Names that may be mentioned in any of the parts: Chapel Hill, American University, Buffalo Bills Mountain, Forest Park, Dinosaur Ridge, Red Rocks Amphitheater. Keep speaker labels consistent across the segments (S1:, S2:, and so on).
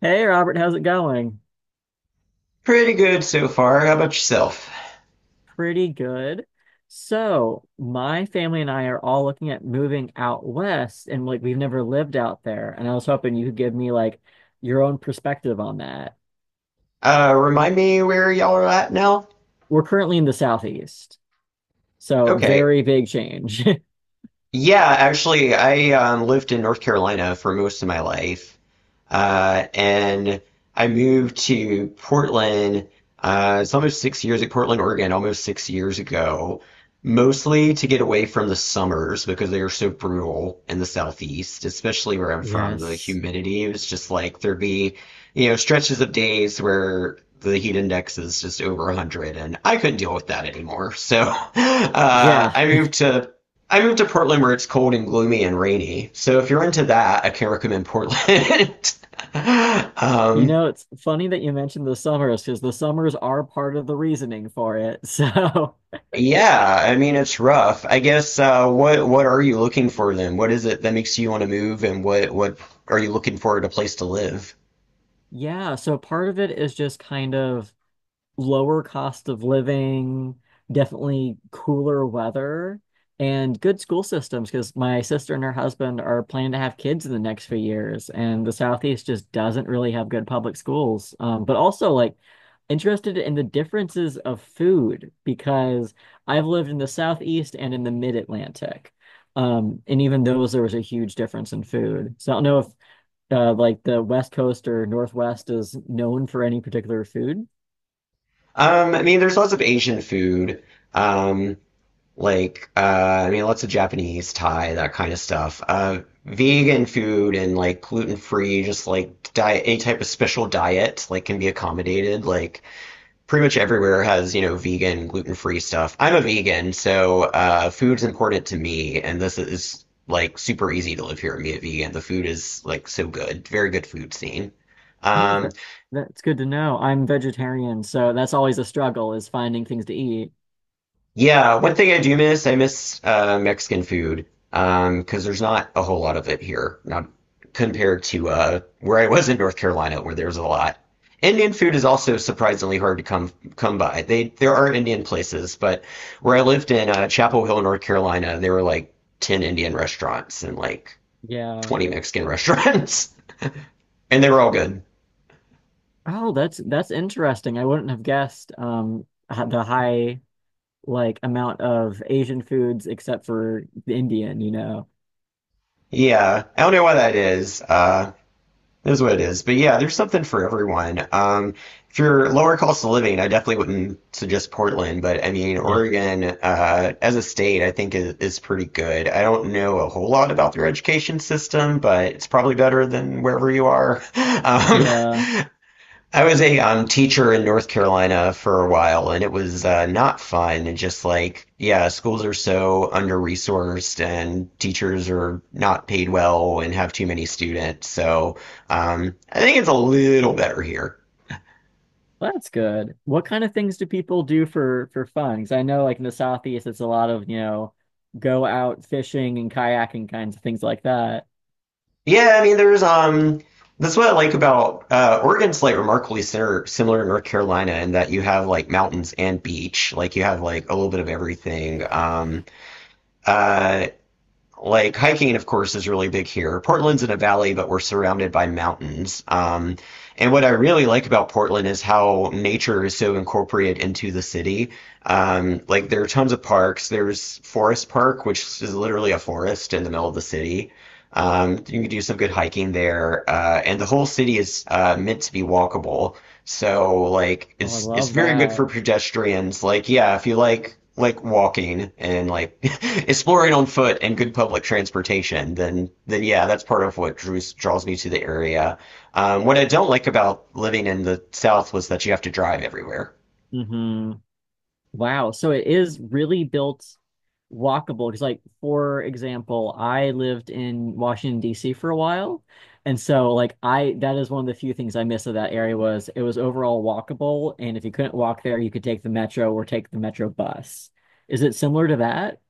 S1: Hey Robert, how's it going?
S2: Pretty good so far. How about yourself?
S1: Pretty good. So, my family and I are all looking at moving out west, and like we've never lived out there. And I was hoping you could give me like your own perspective on that.
S2: Remind me where y'all are at now?
S1: We're currently in the southeast, so
S2: Okay.
S1: very big change.
S2: Yeah, actually, I lived in North Carolina for most of my life. And I moved to Portland. It's almost 6 years at Portland, Oregon, almost 6 years ago, mostly to get away from the summers because they are so brutal in the southeast, especially where I'm from. The
S1: Yes.
S2: humidity was just like there'd be, stretches of days where the heat index is just over 100, and I couldn't deal with that anymore. So
S1: Yeah.
S2: I moved to Portland where it's cold and gloomy and rainy. So if you're into that, I can recommend Portland.
S1: You
S2: Um,
S1: know, it's funny that you mentioned the summers because the summers are part of the reasoning for it. So,
S2: yeah, I mean it's rough. I guess what are you looking for then? What is it that makes you want to move, and what are you looking for at a place to live?
S1: yeah. So, part of it is just kind of lower cost of living, definitely cooler weather, and good school systems because my sister and her husband are planning to have kids in the next few years, and the Southeast just doesn't really have good public schools. But also, like, interested in the differences of food because I've lived in the Southeast and in the Mid-Atlantic. And even those, there was a huge difference in food. So I don't know if like the West Coast or Northwest is known for any particular food.
S2: I mean, there's lots of Asian food, um, like I mean, lots of Japanese, Thai, that kind of stuff. Vegan food and like gluten free, just like diet, any type of special diet like can be accommodated. Like pretty much everywhere has vegan, gluten free stuff. I'm a vegan, so food's important to me, and this is like super easy to live here and be a vegan. The food is like so good, very good food scene.
S1: Oh,
S2: Um,
S1: that's good to know. I'm vegetarian, so that's always a struggle is finding things to eat.
S2: Yeah, one thing I do miss, I miss Mexican food. 'Cause because there's not a whole lot of it here, not compared to where I was in North Carolina, where there's a lot. Indian food is also surprisingly hard to come by. They There are Indian places, but where I lived in Chapel Hill, North Carolina, there were like 10 Indian restaurants and like
S1: Yeah.
S2: 20 Mexican restaurants, and they were all good.
S1: Oh, that's interesting. I wouldn't have guessed the high like amount of Asian foods except for the Indian, you know.
S2: Yeah, I don't know why that is. It is what it is. But yeah, there's something for everyone. If you're lower cost of living, I definitely wouldn't suggest Portland, but I mean,
S1: Yeah.
S2: Oregon, as a state, I think is pretty good. I don't know a whole lot about their education system, but it's probably better than wherever you are. Um,
S1: Yeah.
S2: I was a teacher in North Carolina for a while, and it was not fun. And just like, yeah, schools are so under-resourced, and teachers are not paid well and have too many students. So I think it's a little better here.
S1: Well, that's good. What kind of things do people do for fun? 'Cause I know like in the Southeast it's a lot of, you know, go out fishing and kayaking kinds of things like that.
S2: Yeah, I mean, there's that's what I like about Oregon's like remarkably similar to North Carolina in that you have like mountains and beach, like you have like a little bit of everything. Uh, like hiking, of course, is really big here. Portland's in a valley, but we're surrounded by mountains. And what I really like about Portland is how nature is so incorporated into the city. Like there are tons of parks. There's Forest Park, which is literally a forest in the middle of the city. You can do some good hiking there, and the whole city is meant to be walkable. So like
S1: Oh, I
S2: it's
S1: love
S2: very good
S1: that.
S2: for pedestrians. Like yeah, if you like walking and like exploring on foot and good public transportation, then yeah, that's part of what drews draws me to the area. What I don't like about living in the South was that you have to drive everywhere.
S1: Wow. So it is really built walkable. Because, like, for example, I lived in Washington, D.C. for a while. And so, like, I that is one of the few things I miss of that area was it was overall walkable. And if you couldn't walk there, you could take the metro or take the metro bus. Is it similar to that?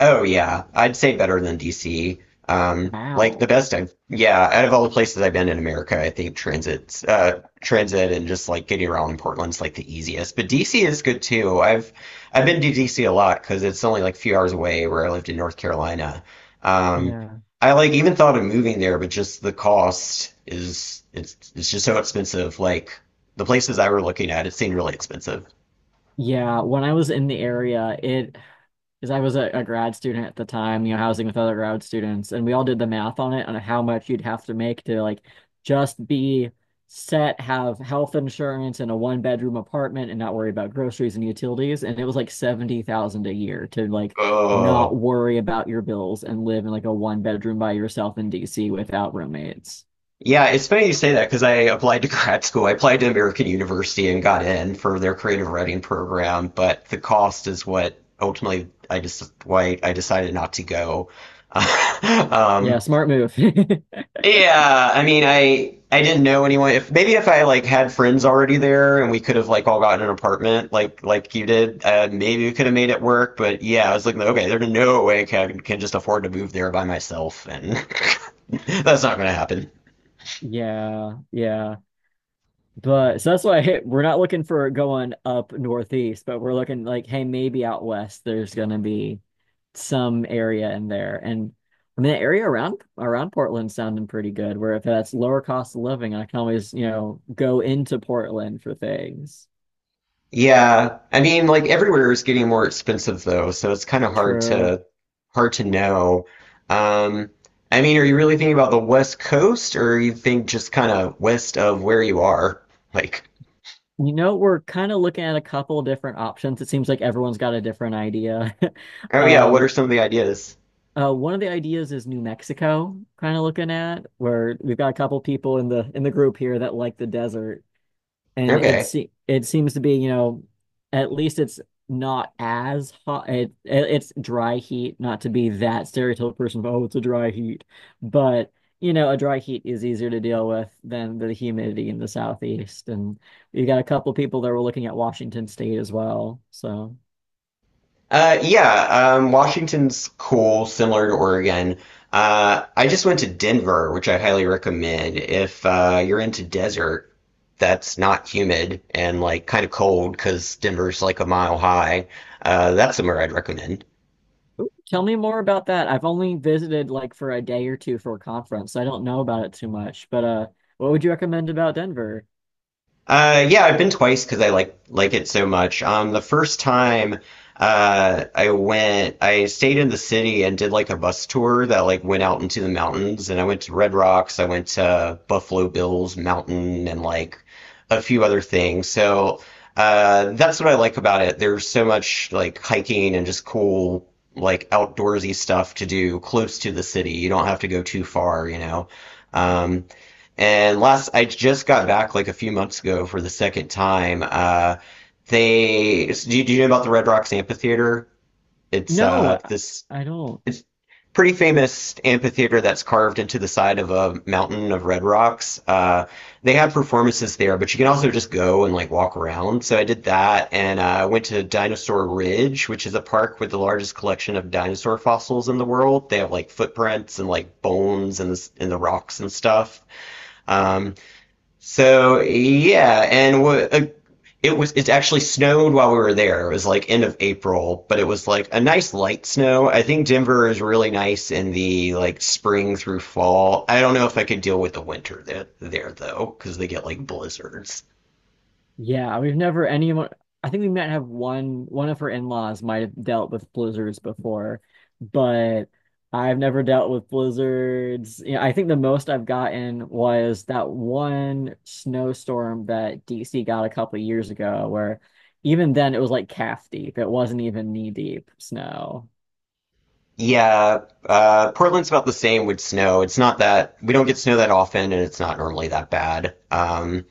S2: Oh yeah, I'd say better than DC. Like the
S1: Wow.
S2: best I've yeah, out of all the places I've been in America, I think transit and just like getting around in Portland's like the easiest. But DC is good too. I've been to DC a lot because it's only like a few hours away where I lived in North Carolina. Um,
S1: Yeah.
S2: I like even thought of moving there, but just the cost is it's just so expensive. Like the places I were looking at, it seemed really expensive.
S1: Yeah. When I was in the area, it because I was a grad student at the time, you know, housing with other grad students, and we all did the math on it on how much you'd have to make to like just be set, have health insurance and a one bedroom apartment and not worry about groceries and utilities. And it was like 70,000 a year to like not
S2: Oh.
S1: worry about your bills and live in like a one bedroom by yourself in D.C. without roommates.
S2: Yeah, it's funny you say that because I applied to grad school. I applied to American University and got in for their creative writing program, but the cost is what ultimately I just why I decided not to go.
S1: Yeah,
S2: Um,
S1: smart move.
S2: yeah, I mean, I didn't know anyone. If maybe if I like had friends already there and we could have like all gotten an apartment like you did, maybe we could have made it work. But yeah, I was like, okay, there's no way can just afford to move there by myself, and that's not going to happen.
S1: Yeah, yeah. But so that's why hey, we're not looking for going up northeast, but we're looking like, hey, maybe out west there's gonna be some area in there. And I mean the area around Portland's sounding pretty good, where if that's lower cost of living, I can always, you know, go into Portland for things.
S2: Yeah, I mean, like everywhere is getting more expensive though, so it's kind of hard
S1: True.
S2: to hard to know. Um, I mean, are you really thinking about the West Coast, or you think just kind of west of where you are? Like,
S1: You know, we're kind of looking at a couple different options. It seems like everyone's got a different idea.
S2: oh yeah, what are
S1: Um,
S2: some of the ideas?
S1: One of the ideas is New Mexico, kind of looking at where we've got a couple people in the group here that like the desert, and
S2: Okay.
S1: it seems to be, you know, at least it's not as hot. It's dry heat, not to be that stereotypical person of oh, it's a dry heat, but you know, a dry heat is easier to deal with than the humidity in the southeast, and we've got a couple people that were looking at Washington State as well, so.
S2: Yeah, Washington's cool, similar to Oregon. I just went to Denver, which I highly recommend if you're into desert that's not humid and like kind of cold because Denver's like a mile high. That's somewhere I'd recommend.
S1: Tell me more about that. I've only visited like for a day or two for a conference. So I don't know about it too much. But what would you recommend about Denver?
S2: Yeah, I've been twice because I like it so much. The first time, I stayed in the city and did like a bus tour that like went out into the mountains, and I went to Red Rocks, I went to Buffalo Bills Mountain, and like a few other things. So, that's what I like about it. There's so much like hiking and just cool like outdoorsy stuff to do close to the city. You don't have to go too far, you know. Um, and last, I just got back like a few months ago for the second time. Do you know about the Red Rocks Amphitheater? It's
S1: No, I,
S2: this
S1: I don't.
S2: it's pretty famous amphitheater that's carved into the side of a mountain of red rocks. They have performances there, but you can also just go and like walk around. So I did that, and I went to Dinosaur Ridge, which is a park with the largest collection of dinosaur fossils in the world. They have like footprints and like bones in the rocks and stuff. Um, so yeah, and what it was it actually snowed while we were there. It was like end of April, but it was like a nice light snow. I think Denver is really nice in the like spring through fall. I don't know if I could deal with the winter there though, because they get like blizzards.
S1: Yeah, we've never anyone I think we might have one of her in-laws might have dealt with blizzards before, but I've never dealt with blizzards. Yeah, I think the most I've gotten was that one snowstorm that D.C. got a couple of years ago where even then it was like calf deep. It wasn't even knee deep snow.
S2: Yeah, Portland's about the same with snow. It's not that We don't get snow that often, and it's not normally that bad.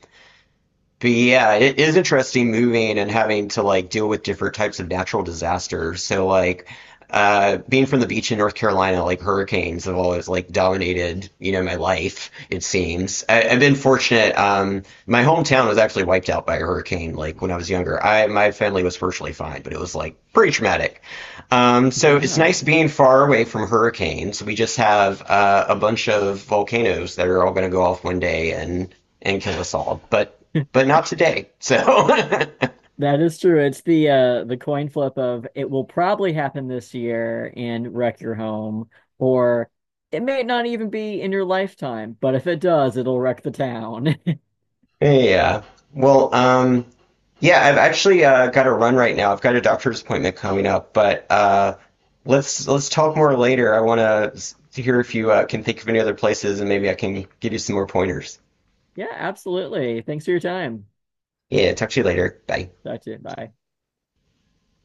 S2: But yeah, it is interesting moving and having to like deal with different types of natural disasters. So like being from the beach in North Carolina, like hurricanes have always like dominated, you know, my life, it seems. I've been fortunate. My hometown was actually wiped out by a hurricane like when I was younger. I My family was virtually fine, but it was like pretty traumatic. So it's nice
S1: Yeah,
S2: being far away from hurricanes. We just have a bunch of volcanoes that are all going to go off one day and kill us all, but not today. So
S1: that is true. It's the coin flip of it will probably happen this year and wreck your home, or it may not even be in your lifetime, but if it does, it'll wreck the town.
S2: yeah. Well, yeah, I've actually got to run right now. I've got a doctor's appointment coming up, but let's talk more later. I want to hear if you can think of any other places, and maybe I can give you some more pointers.
S1: Yeah, absolutely. Thanks for your time.
S2: Yeah, talk to you later. Bye.
S1: Talk to you. Bye.